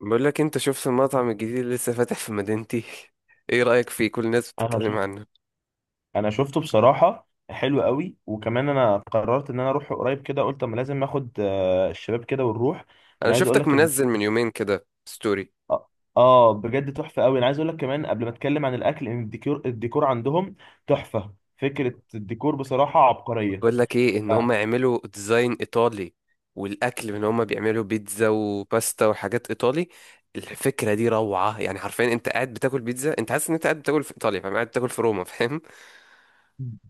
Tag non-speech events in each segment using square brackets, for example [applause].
بقول لك انت شفت المطعم الجديد اللي لسه فاتح في مدينتي. [laughs] ايه رأيك فيه؟ كل الناس انا بتتكلم شو... عنه. انا شفته بصراحه، حلو قوي. وكمان انا قررت ان انا اروح قريب كده. قلت اما لازم اخد الشباب كده ونروح. انا انا عايز اقول شفتك لك ان منزل من 2 يومين كده ستوري. اه بجد تحفه قوي. انا عايز اقول لك كمان قبل ما اتكلم عن الاكل، ان الديكور عندهم تحفه. فكره الديكور بصراحه عبقريه بقول لك ايه، ان هم آه، يعملوا ديزاين ايطالي، والاكل ان هم بيعملوا بيتزا وباستا وحاجات ايطالي. الفكرة دي روعة، يعني حرفيا انت قاعد بتاكل بيتزا، انت حاسس ان انت قاعد بتاكل في ايطاليا، فاهم؟ قاعد بتاكل في روما، فاهم؟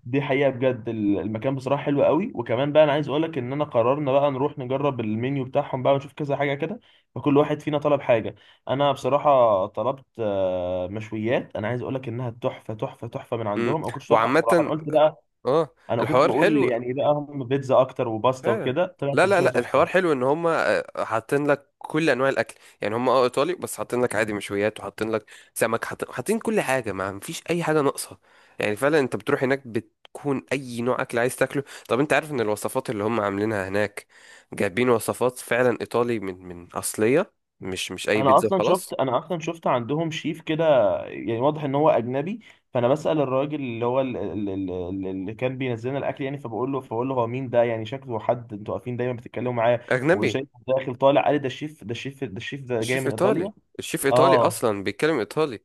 دي حقيقة بجد. المكان بصراحة حلو قوي. وكمان بقى انا عايز اقولك ان انا قررنا بقى نروح نجرب المنيو بتاعهم بقى ونشوف كذا حاجة كده. فكل واحد فينا طلب حاجة. انا بصراحة طلبت مشويات. انا عايز اقولك انها تحفة تحفة تحفة من امم عندهم. انا كنتش اتوقع بصراحة. انا وعامة قلت بقى، اه، انا كنت الحوار بقول حلو يعني ايه بقى، هم بيتزا اكتر وباستا فعلا. وكده طلعت لا لا مشوية لا، الحوار تحفة. حلو ان هم حاطين لك كل انواع الاكل. يعني هم اه ايطالي، بس حاطين لك عادي مشويات، وحاطين لك سمك، حاطين كل حاجه، ما مفيش اي حاجه ناقصه. يعني فعلا انت بتروح هناك بتكون اي نوع اكل عايز تاكله. طب انت عارف ان الوصفات اللي هم عاملينها هناك جايبين وصفات فعلا ايطالي من اصليه، مش اي انا بيتزا اصلا شفت وخلاص. انا اصلا شفت عندهم شيف كده. يعني واضح ان هو اجنبي. فانا بسأل الراجل اللي هو اللي كان بينزل لنا الاكل، يعني فبقول له هو مين ده؟ يعني شكله حد انتوا واقفين دايما بتتكلموا معاه اجنبي. وشايف داخل طالع. قال لي ده الشيف، ده الشيف، ده الشيف، ده جاي الشيف من ايطالي، ايطاليا. الشيف ايطالي اه. اصلا بيتكلم ايطالي.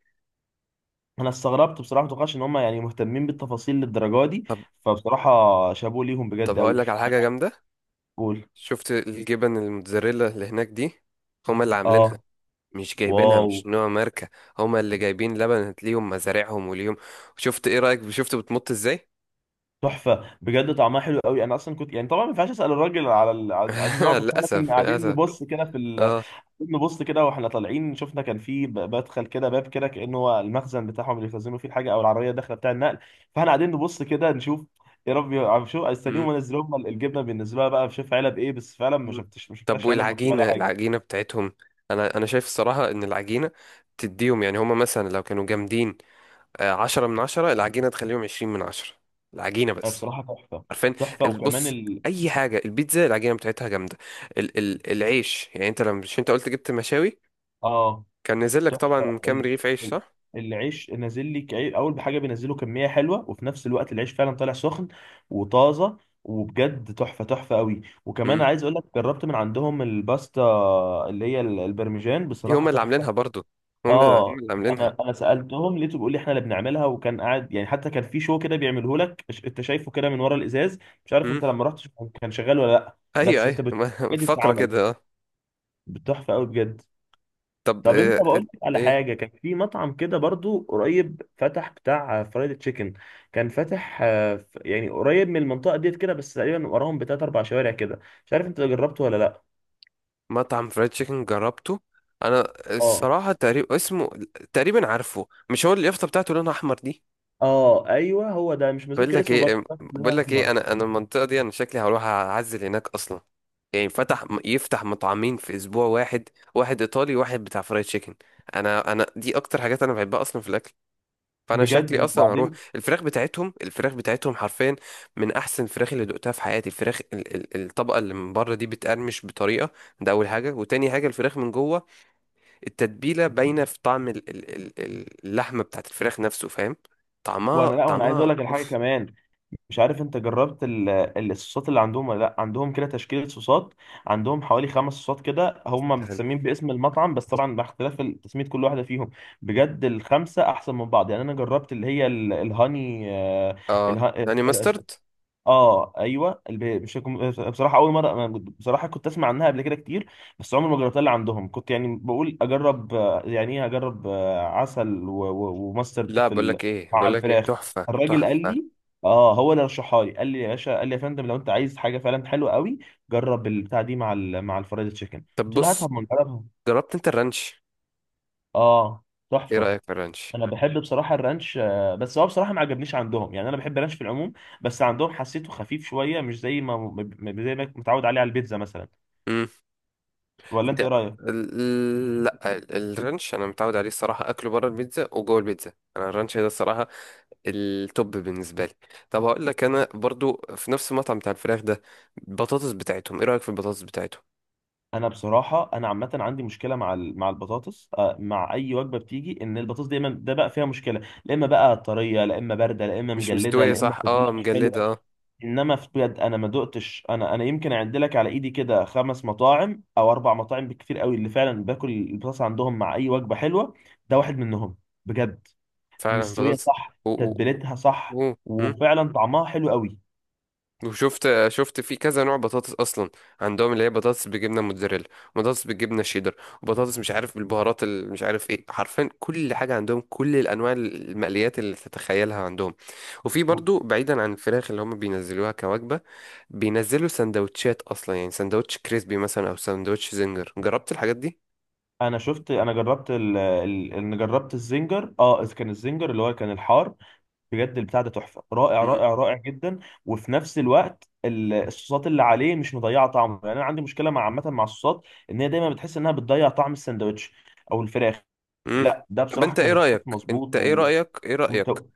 انا استغربت بصراحه، ما توقعش ان هم يعني مهتمين بالتفاصيل للدرجه دي. طب فبصراحه، شابوه ليهم طب بجد قوي. هقول لك على حاجه جامده. قول. شفت الجبن الموتزاريلا اللي هناك دي؟ هما اللي اه. عاملينها، مش جايبينها، مش واو، نوع ماركة. هما اللي جايبين لبن، ليهم مزارعهم وليهم. شفت؟ ايه رأيك؟ شفت بتمط ازاي؟ تحفه بجد، طعمها حلو قوي. انا اصلا كنت يعني، طبعا ما ينفعش اسال الراجل على على النوع. [laughs] بس احنا للأسف، كنا قاعدين للأسف. نبص كده في اه. نبص كده واحنا طالعين. شفنا كان في بدخل كده باب كده، كانه هو المخزن بتاعهم اللي بيخزنوا فيه الحاجه، او العربيه الداخله بتاع النقل. فاحنا قاعدين نبص كده نشوف، يا رب عم شو استنيهم مم. ونزلوا لهم الجبنه. بالنسبه لها بقى، شوف علب ايه! بس فعلا ما مم. شفتش، ما طب شفناش علب مكتوب عليها والعجينة، حاجه. العجينة بتاعتهم، انا شايف الصراحة ان العجينة تديهم، يعني هما مثلا لو كانوا جامدين 10 من 10، العجينة تخليهم 20 من 10. العجينة بس، بصراحه تحفه. عارفين؟ تحفه. وكمان بص، اي حاجه البيتزا العجينه بتاعتها جامده. ال العيش، يعني انت لما، مش انت قلت جبت مشاوي؟ اه، كان نزل لك طبعا تحفه. كام رغيف عيش، ال- صح؟ العيش نازل لك اول بحاجه، بينزله كميه حلوه. وفي نفس الوقت العيش فعلا طالع سخن وطازه. وبجد تحفه تحفه قوي. وكمان امم عايز اقول لك جربت من عندهم الباستا، اللي هي البرمجان دي بصراحه هما اللي تحفه. عاملينها برضو، هم اللي اه. هم اللي عاملينها. انا سالتهم لقيته بيقول لي احنا اللي بنعملها. وكان قاعد يعني، حتى كان في شو كده بيعمله لك. انت شايفه كده من ورا الازاز. مش عارف امم. انت لما رحت كان شغال ولا لا، ايوه بس انت ايوه، [laughs] بجد فقره بتتعمل كده اه. بتحفه قوي بجد. طب طب انت، بقول لك على ايه، حاجه: كان في مطعم كده برضو قريب فتح بتاع فرايد تشيكن. كان فاتح يعني قريب من المنطقه ديت كده، بس تقريبا وراهم بتلات اربع شوارع كده. مش عارف انت جربته ولا لا؟ مطعم فرايد تشيكن جربته. انا اه. الصراحه تقريبا اسمه، تقريبا عارفه. مش هو اليافطه بتاعته لونها احمر دي؟ اه، ايوه هو ده. مش بقول مذكر لك اسمه، برضه ايه فاكر إن بقول هو لك ايه احمر. انا المنطقه دي انا شكلي هروح اعزل هناك اصلا. يعني فتح، يفتح مطعمين في اسبوع واحد، واحد ايطالي وواحد بتاع فرايد تشيكن. انا دي اكتر حاجات انا بحبها اصلا في الاكل. فانا شكلي بجد. اصلا هروح، وبعدين. الفراخ بتاعتهم، الفراخ بتاعتهم حرفيا من احسن الفراخ اللي دقتها في حياتي. الفراخ ال الطبقه اللي من بره دي بتقرمش بطريقه، ده اول حاجه. وتاني حاجه الفراخ من جوه، التتبيله باينه في طعم ال اللحمه بتاعت الفراخ نفسه، فاهم؟ طعمها، وانا، لا، وانا عايز اقول طعمها لك الحاجه اوف. كمان، مش عارف انت جربت الصوصات اللي عندهم ولا لا؟ عندهم كده تشكيلة صوصات. عندهم حوالي خمس صوصات كده، هم متسمين باسم المطعم، بس طبعا مع اختلاف تسمية كل واحدة فيهم. بجد الخمسة احسن من بعض. يعني انا جربت اللي هي الهاني اه، اله- يعني ماسترد. اه، ايوه مش هكون- بصراحه اول مره. بصراحه كنت اسمع عنها قبل كده كتير. بس عمري ما جربتها اللي عندهم. كنت يعني بقول اجرب يعني ايه، اجرب عسل وماسترد لا، في بقول لك ايه، مع بقول لك ايه، الفراخ. تحفه الراجل قال لي، تحفه. اه هو اللي رشحها لي. قال لي يا باشا، قال لي يا فندم، لو انت عايز حاجه فعلا حلوه قوي، جرب البتاع دي مع مع الفرايد تشيكن. طب قلت له بص، هاتها، ما نجربها. جربت انت الرانش؟ اه، ايه تحفه. رايك في الرانش؟ انا بحب بصراحه الرانش، بس هو بصراحه ما عجبنيش عندهم. يعني انا بحب الرانش في العموم، بس عندهم حسيته خفيف شويه، مش زي ما متعود عليه على البيتزا مثلا. امم. ولا انت انت ايه رايك؟ لا الرانش انا متعود عليه الصراحه اكله بره البيتزا وجوه البيتزا، انا الرانش ده الصراحه التوب بالنسبه لي. طب هقول لك، انا برضو في نفس المطعم بتاع الفراخ ده، البطاطس بتاعتهم، ايه رايك في البطاطس بتاعتهم؟ انا بصراحه انا عامه عندي مشكله مع مع البطاطس، مع اي وجبه بتيجي، ان البطاطس دايما ده بقى فيها مشكله. لا اما بقى طريه، لا اما بارده، لا اما مش مجلده، مستويه لا اما صح، اه تتبيله مش مجلده حلوه. اه. انما في بجد، انا ما دقتش، انا يمكن اعد لك على ايدي كده خمس مطاعم او اربع مطاعم بكتير قوي، اللي فعلا باكل البطاطس عندهم مع اي وجبه حلوه. ده واحد منهم. بجد فعلا مستويه بطاطس صح، و... و... تتبيلتها صح، و... وفعلا طعمها حلو قوي. وشفت، شفت في كذا نوع بطاطس اصلا عندهم، اللي هي بطاطس بالجبنه موتزاريلا، وبطاطس بالجبنه شيدر، وبطاطس مش عارف بالبهارات مش عارف ايه. حرفيا كل حاجه عندهم، كل الانواع، المقليات اللي تتخيلها عندهم. وفي و- برضو، بعيدا عن الفراخ اللي هم بينزلوها كوجبه، بينزلوا سندوتشات اصلا، يعني سندوتش كريسبي مثلا، او سندوتش زنجر. جربت الحاجات دي؟ انا جربت انا جربت الزنجر. اه، إذ كان الزنجر اللي هو كان الحار. بجد البتاع ده تحفه، رائع مم. رائع رائع جدا. وفي نفس الوقت الصوصات اللي عليه مش مضيعه طعمه. يعني انا عندي مشكله مع، عامه، مع الصوصات ان هي دايما بتحس انها بتضيع طعم الساندوتش او الفراخ. مم. لا، ده طب بصراحه انت كان ايه الصوص رايك، انت مظبوط ايه رايك ايه رايك ومت-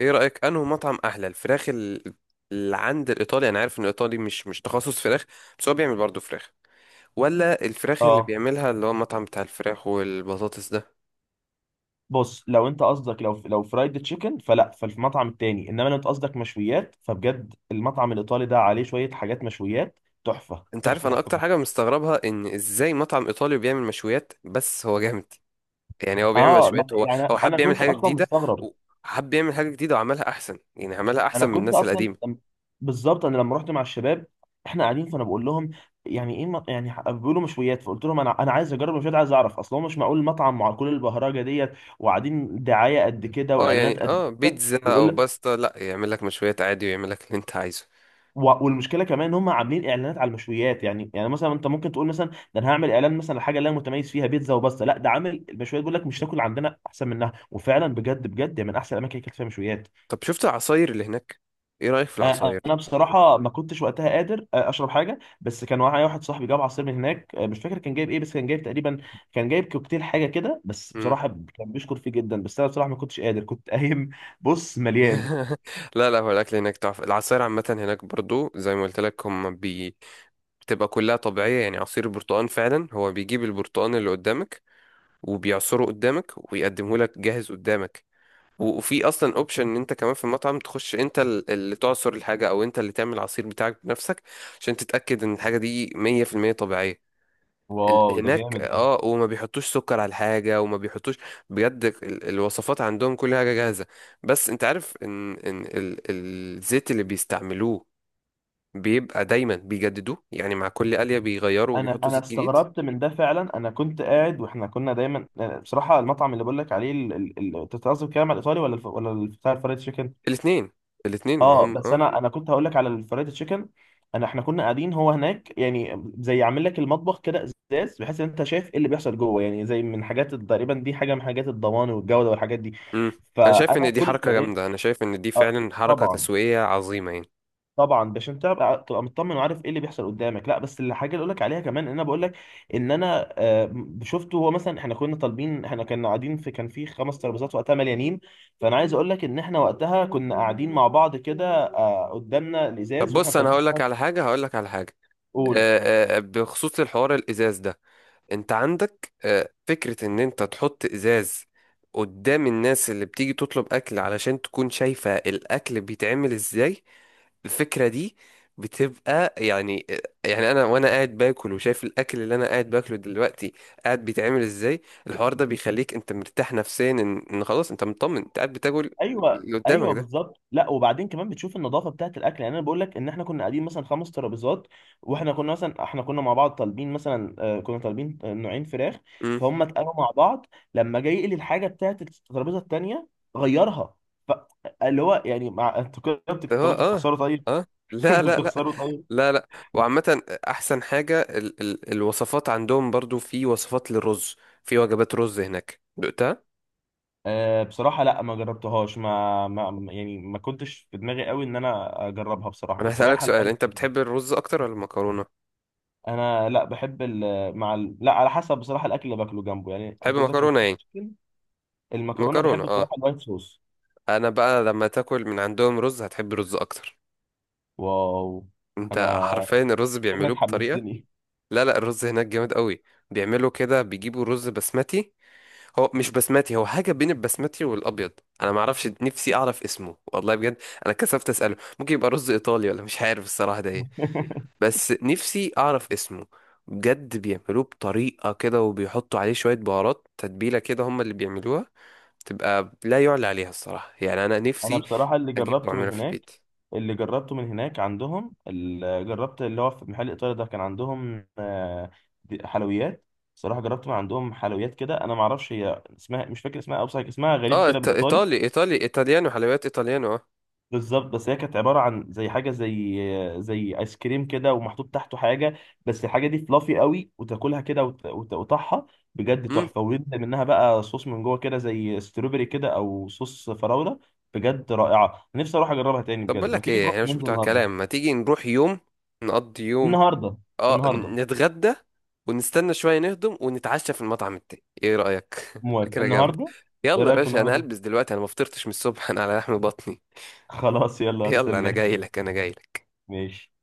ايه رأيك انه مطعم احلى الفراخ اللي عند الايطالي؟ انا عارف ان الايطالي مش تخصص فراخ، بس هو بيعمل برضه فراخ. ولا الفراخ اللي اه. بيعملها اللي هو المطعم بتاع الفراخ والبطاطس ده؟ بص، لو انت قصدك، لو فرايد تشيكن فلا، ففي المطعم التاني. انما لو انت قصدك مشويات، فبجد المطعم الايطالي ده عليه شويه حاجات مشويات تحفه انت عارف تحفه انا تحفه. اكتر حاجة مستغربها، ان ازاي مطعم ايطالي بيعمل مشويات بس هو جامد؟ يعني هو بيعمل اه. لا مشويات، هو يعني هو انا حب يعمل كنت حاجة اصلا جديدة، مستغرب. وحب يعمل حاجة جديدة وعملها احسن، يعني عملها انا احسن من كنت الناس اصلا القديمة. لم- بالظبط، انا لما رحت مع الشباب، احنا قاعدين فانا بقول لهم، يعني ايه؟ بيقولوا مشويات. فقلت لهم انا عايز اجرب مشويات، عايز اعرف. اصل هو مش معقول مطعم مع كل البهرجه ديت، وقاعدين دعايه قد [laughs] كده، اه، واعلانات يعني قد اه كده، بيتزا ويقول او لك. باستا، لا، يعمل لك مشويات عادي ويعمل لك اللي انت عايزه. والمشكله كمان ان هم عاملين اعلانات على المشويات. يعني مثلا انت ممكن تقول مثلا، ده انا هعمل اعلان مثلا لحاجه اللي انا متميز فيها، بيتزا وبس. لا، ده عامل المشويات، بيقول لك مش تاكل عندنا احسن منها. وفعلا بجد بجد، يعني من احسن الاماكن اللي اكلت فيها مشويات. طب شفت العصاير اللي هناك؟ ايه رأيك في انا العصاير؟ بصراحه ما كنتش وقتها قادر اشرب حاجه. بس كان معايا واحد صاحبي جاب عصير من هناك، مش فاكر كان جايب ايه، بس كان جايب تقريبا، كان جايب كوكتيل حاجه كده. بس مم. بصراحه كان بيشكر فيه جدا. بس انا بصراحه ما كنتش قادر، كنت [laughs] قايم. بص مليان. [laughs] لا لا، هو الاكل هناك تحفه، العصاير عامه هناك برضو زي ما قلت لك، هم بي... بتبقى كلها طبيعيه. يعني عصير برتقال، فعلا هو بيجيب البرتقال اللي قدامك وبيعصره قدامك، ويقدمه لك جاهز قدامك. وفي اصلا اوبشن ان انت كمان في المطعم تخش انت اللي تعصر الحاجه، او انت اللي تعمل العصير بتاعك بنفسك، عشان تتاكد ان الحاجه دي 100% طبيعيه. واو، ده هناك جامد ده. اه، وما بيحطوش سكر على الحاجة وما بيحطوش. بجد الوصفات عندهم كل حاجة جاهزة. بس انت عارف ان ان الزيت اللي بيستعملوه بيبقى دايما بيجددوه، يعني مع كل قلية بيغيروا انا وبيحطوا انا زيت جديد. استغربت من ده فعلا. انا كنت قاعد، واحنا كنا دايما بصراحه المطعم اللي بقول لك عليه انت بتقصد كده على الايطالي ولا بتاع الفرايد تشيكن؟ الاتنين، الاتنين ما اه، هم بس اه. انا كنت هقول لك على الفرايد تشيكن. احنا كنا قاعدين هو هناك، يعني زي عامل لك المطبخ كده، ازاز، بحيث ان انت شايف ايه اللي بيحصل جوه. يعني زي من حاجات تقريبا، دي حاجه من حاجات الضمان والجوده والحاجات دي. امم انا شايف فانا ان دي كل ما حركة ايه. جامدة، انا شايف ان دي آه، فعلا حركة طبعا، تسويقية عظيمة يعني. طبعا، باش انت تبقى مطمن وعارف ايه اللي بيحصل قدامك. لا بس الحاجه اللي اقول لك عليها كمان، ان انا بقول لك ان انا، شفته هو مثلا. احنا كنا طالبين، احنا كنا قاعدين في، كان في خمس ترابيزات وقتها مليانين. فانا عايز اقول لك ان احنا وقتها كنا قاعدين مع بعض كده، قدامنا طب الازاز واحنا بص، انا طالبين. هقول لك على حاجة هقول لك على حاجة قول. بخصوص الحوار الازاز ده، انت عندك فكرة ان انت تحط ازاز قدام الناس اللي بتيجي تطلب اكل، علشان تكون شايفة الاكل بيتعمل ازاي. الفكرة دي بتبقى يعني يعني انا وانا قاعد باكل وشايف الاكل اللي انا قاعد باكله دلوقتي قاعد بيتعمل ازاي، الحوار ده بيخليك انت مرتاح نفسيا، ان خلاص انت مطمن انت قاعد بتاكل ايوه، اللي قدامك ايوه، ده. بالظبط. لا، وبعدين كمان بتشوف النظافه بتاعه الاكل. يعني انا بقول لك ان احنا كنا قاعدين مثلا خمس ترابيزات، واحنا كنا مثلا، احنا كنا مع بعض طالبين مثلا، كنا طالبين نوعين فراخ. فهم اتقالوا مع بعض. لما جاي يقلي الحاجه بتاعه الترابيزه التانيه غيرها. ف- اللي هو يعني، مع انتوا كده هو طب انتوا اه. بتخسروا طيب. اه. [laughs] لا انتوا لا لا، بتخسروا طيب. لا لا. وعامة أحسن حاجة، ال الوصفات عندهم، برضو في وصفات للرز، في وجبات رز هناك، دقتها؟ أه بصراحه لا، ما جربتهاش، ما يعني ما كنتش في دماغي قوي ان انا اجربها بصراحه، أنا كنت هسألك رايح على سؤال، الفرد. أنت بتحب الرز أكتر ولا المكرونة؟ انا، لا، بحب لا، على حسب بصراحه الاكل اللي باكله جنبه. يعني تحب انت قصدك مكرونة الفرايد يعني؟ تشيكن، المكرونه مكرونة بحب اه. بصراحه الوايت صوص. أنا بقى لما تاكل من عندهم رز هتحب الرز أكتر. واو، أنت انا حرفيا الرز بيعملوه فكرك بطريقة، حمستني. لا لا، الرز هناك جامد قوي. بيعملوا كده، بيجيبوا رز بسمتي، هو مش بسمتي، هو حاجة بين البسمتي والأبيض. أنا معرفش، نفسي أعرف اسمه والله بجد. أنا كسفت أسأله، ممكن يبقى رز إيطالي ولا مش عارف الصراحة ده إيه. [laughs] بس نفسي أعرف اسمه بجد. بيعملوه بطريقة كده، وبيحطوا عليه شوية بهارات تتبيلة كده هم اللي بيعملوها، تبقى لا يعلى عليها الصراحة يعني. أنا انا نفسي بصراحه، اللي أجيب جربته من وأعملها في هناك البيت. اللي جربته من هناك عندهم، اللي جربت اللي هو في محل ايطالي ده، كان عندهم حلويات. بصراحه جربت من عندهم حلويات كده. انا ما اعرفش هي اسمها، مش فاكر اسمها، او اسمها غريب اه، كده بالايطالي. إيطالي إيطالي، إيطاليانو حلويات إيطاليانو اه. بالظبط. بس هي كانت عباره عن زي حاجه، زي ايس كريم كده ومحطوط تحته حاجه. بس الحاجه دي فلافي قوي، وتاكلها كده وتقطعها. بجد مم. تحفه. وينزل منها بقى صوص من جوه كده، زي ستروبري كده، او صوص فراوله. بجد رائعه. نفسي اروح اجربها تاني. طب بقول بجد ما لك تيجي إيه، نروح إحنا مش ننزل بتوع النهارده. كلام، ما تيجي نروح يوم، نقضي يوم. النهارده. اه، النهارده. نتغدى، ونستنى شوية نهضم، ونتعشى في المطعم التاني. ايه رأيك؟ [laughs] موافق، فكرة جامدة. النهارده. ايه يلا يا رايك في باشا، انا النهارده؟ هلبس دلوقتي، انا ما فطرتش من الصبح. [laughs] انا على لحم بطني. [laughs] خلاص، يلا يلا انا استناك. جاي لك، انا جاي لك. ماشي.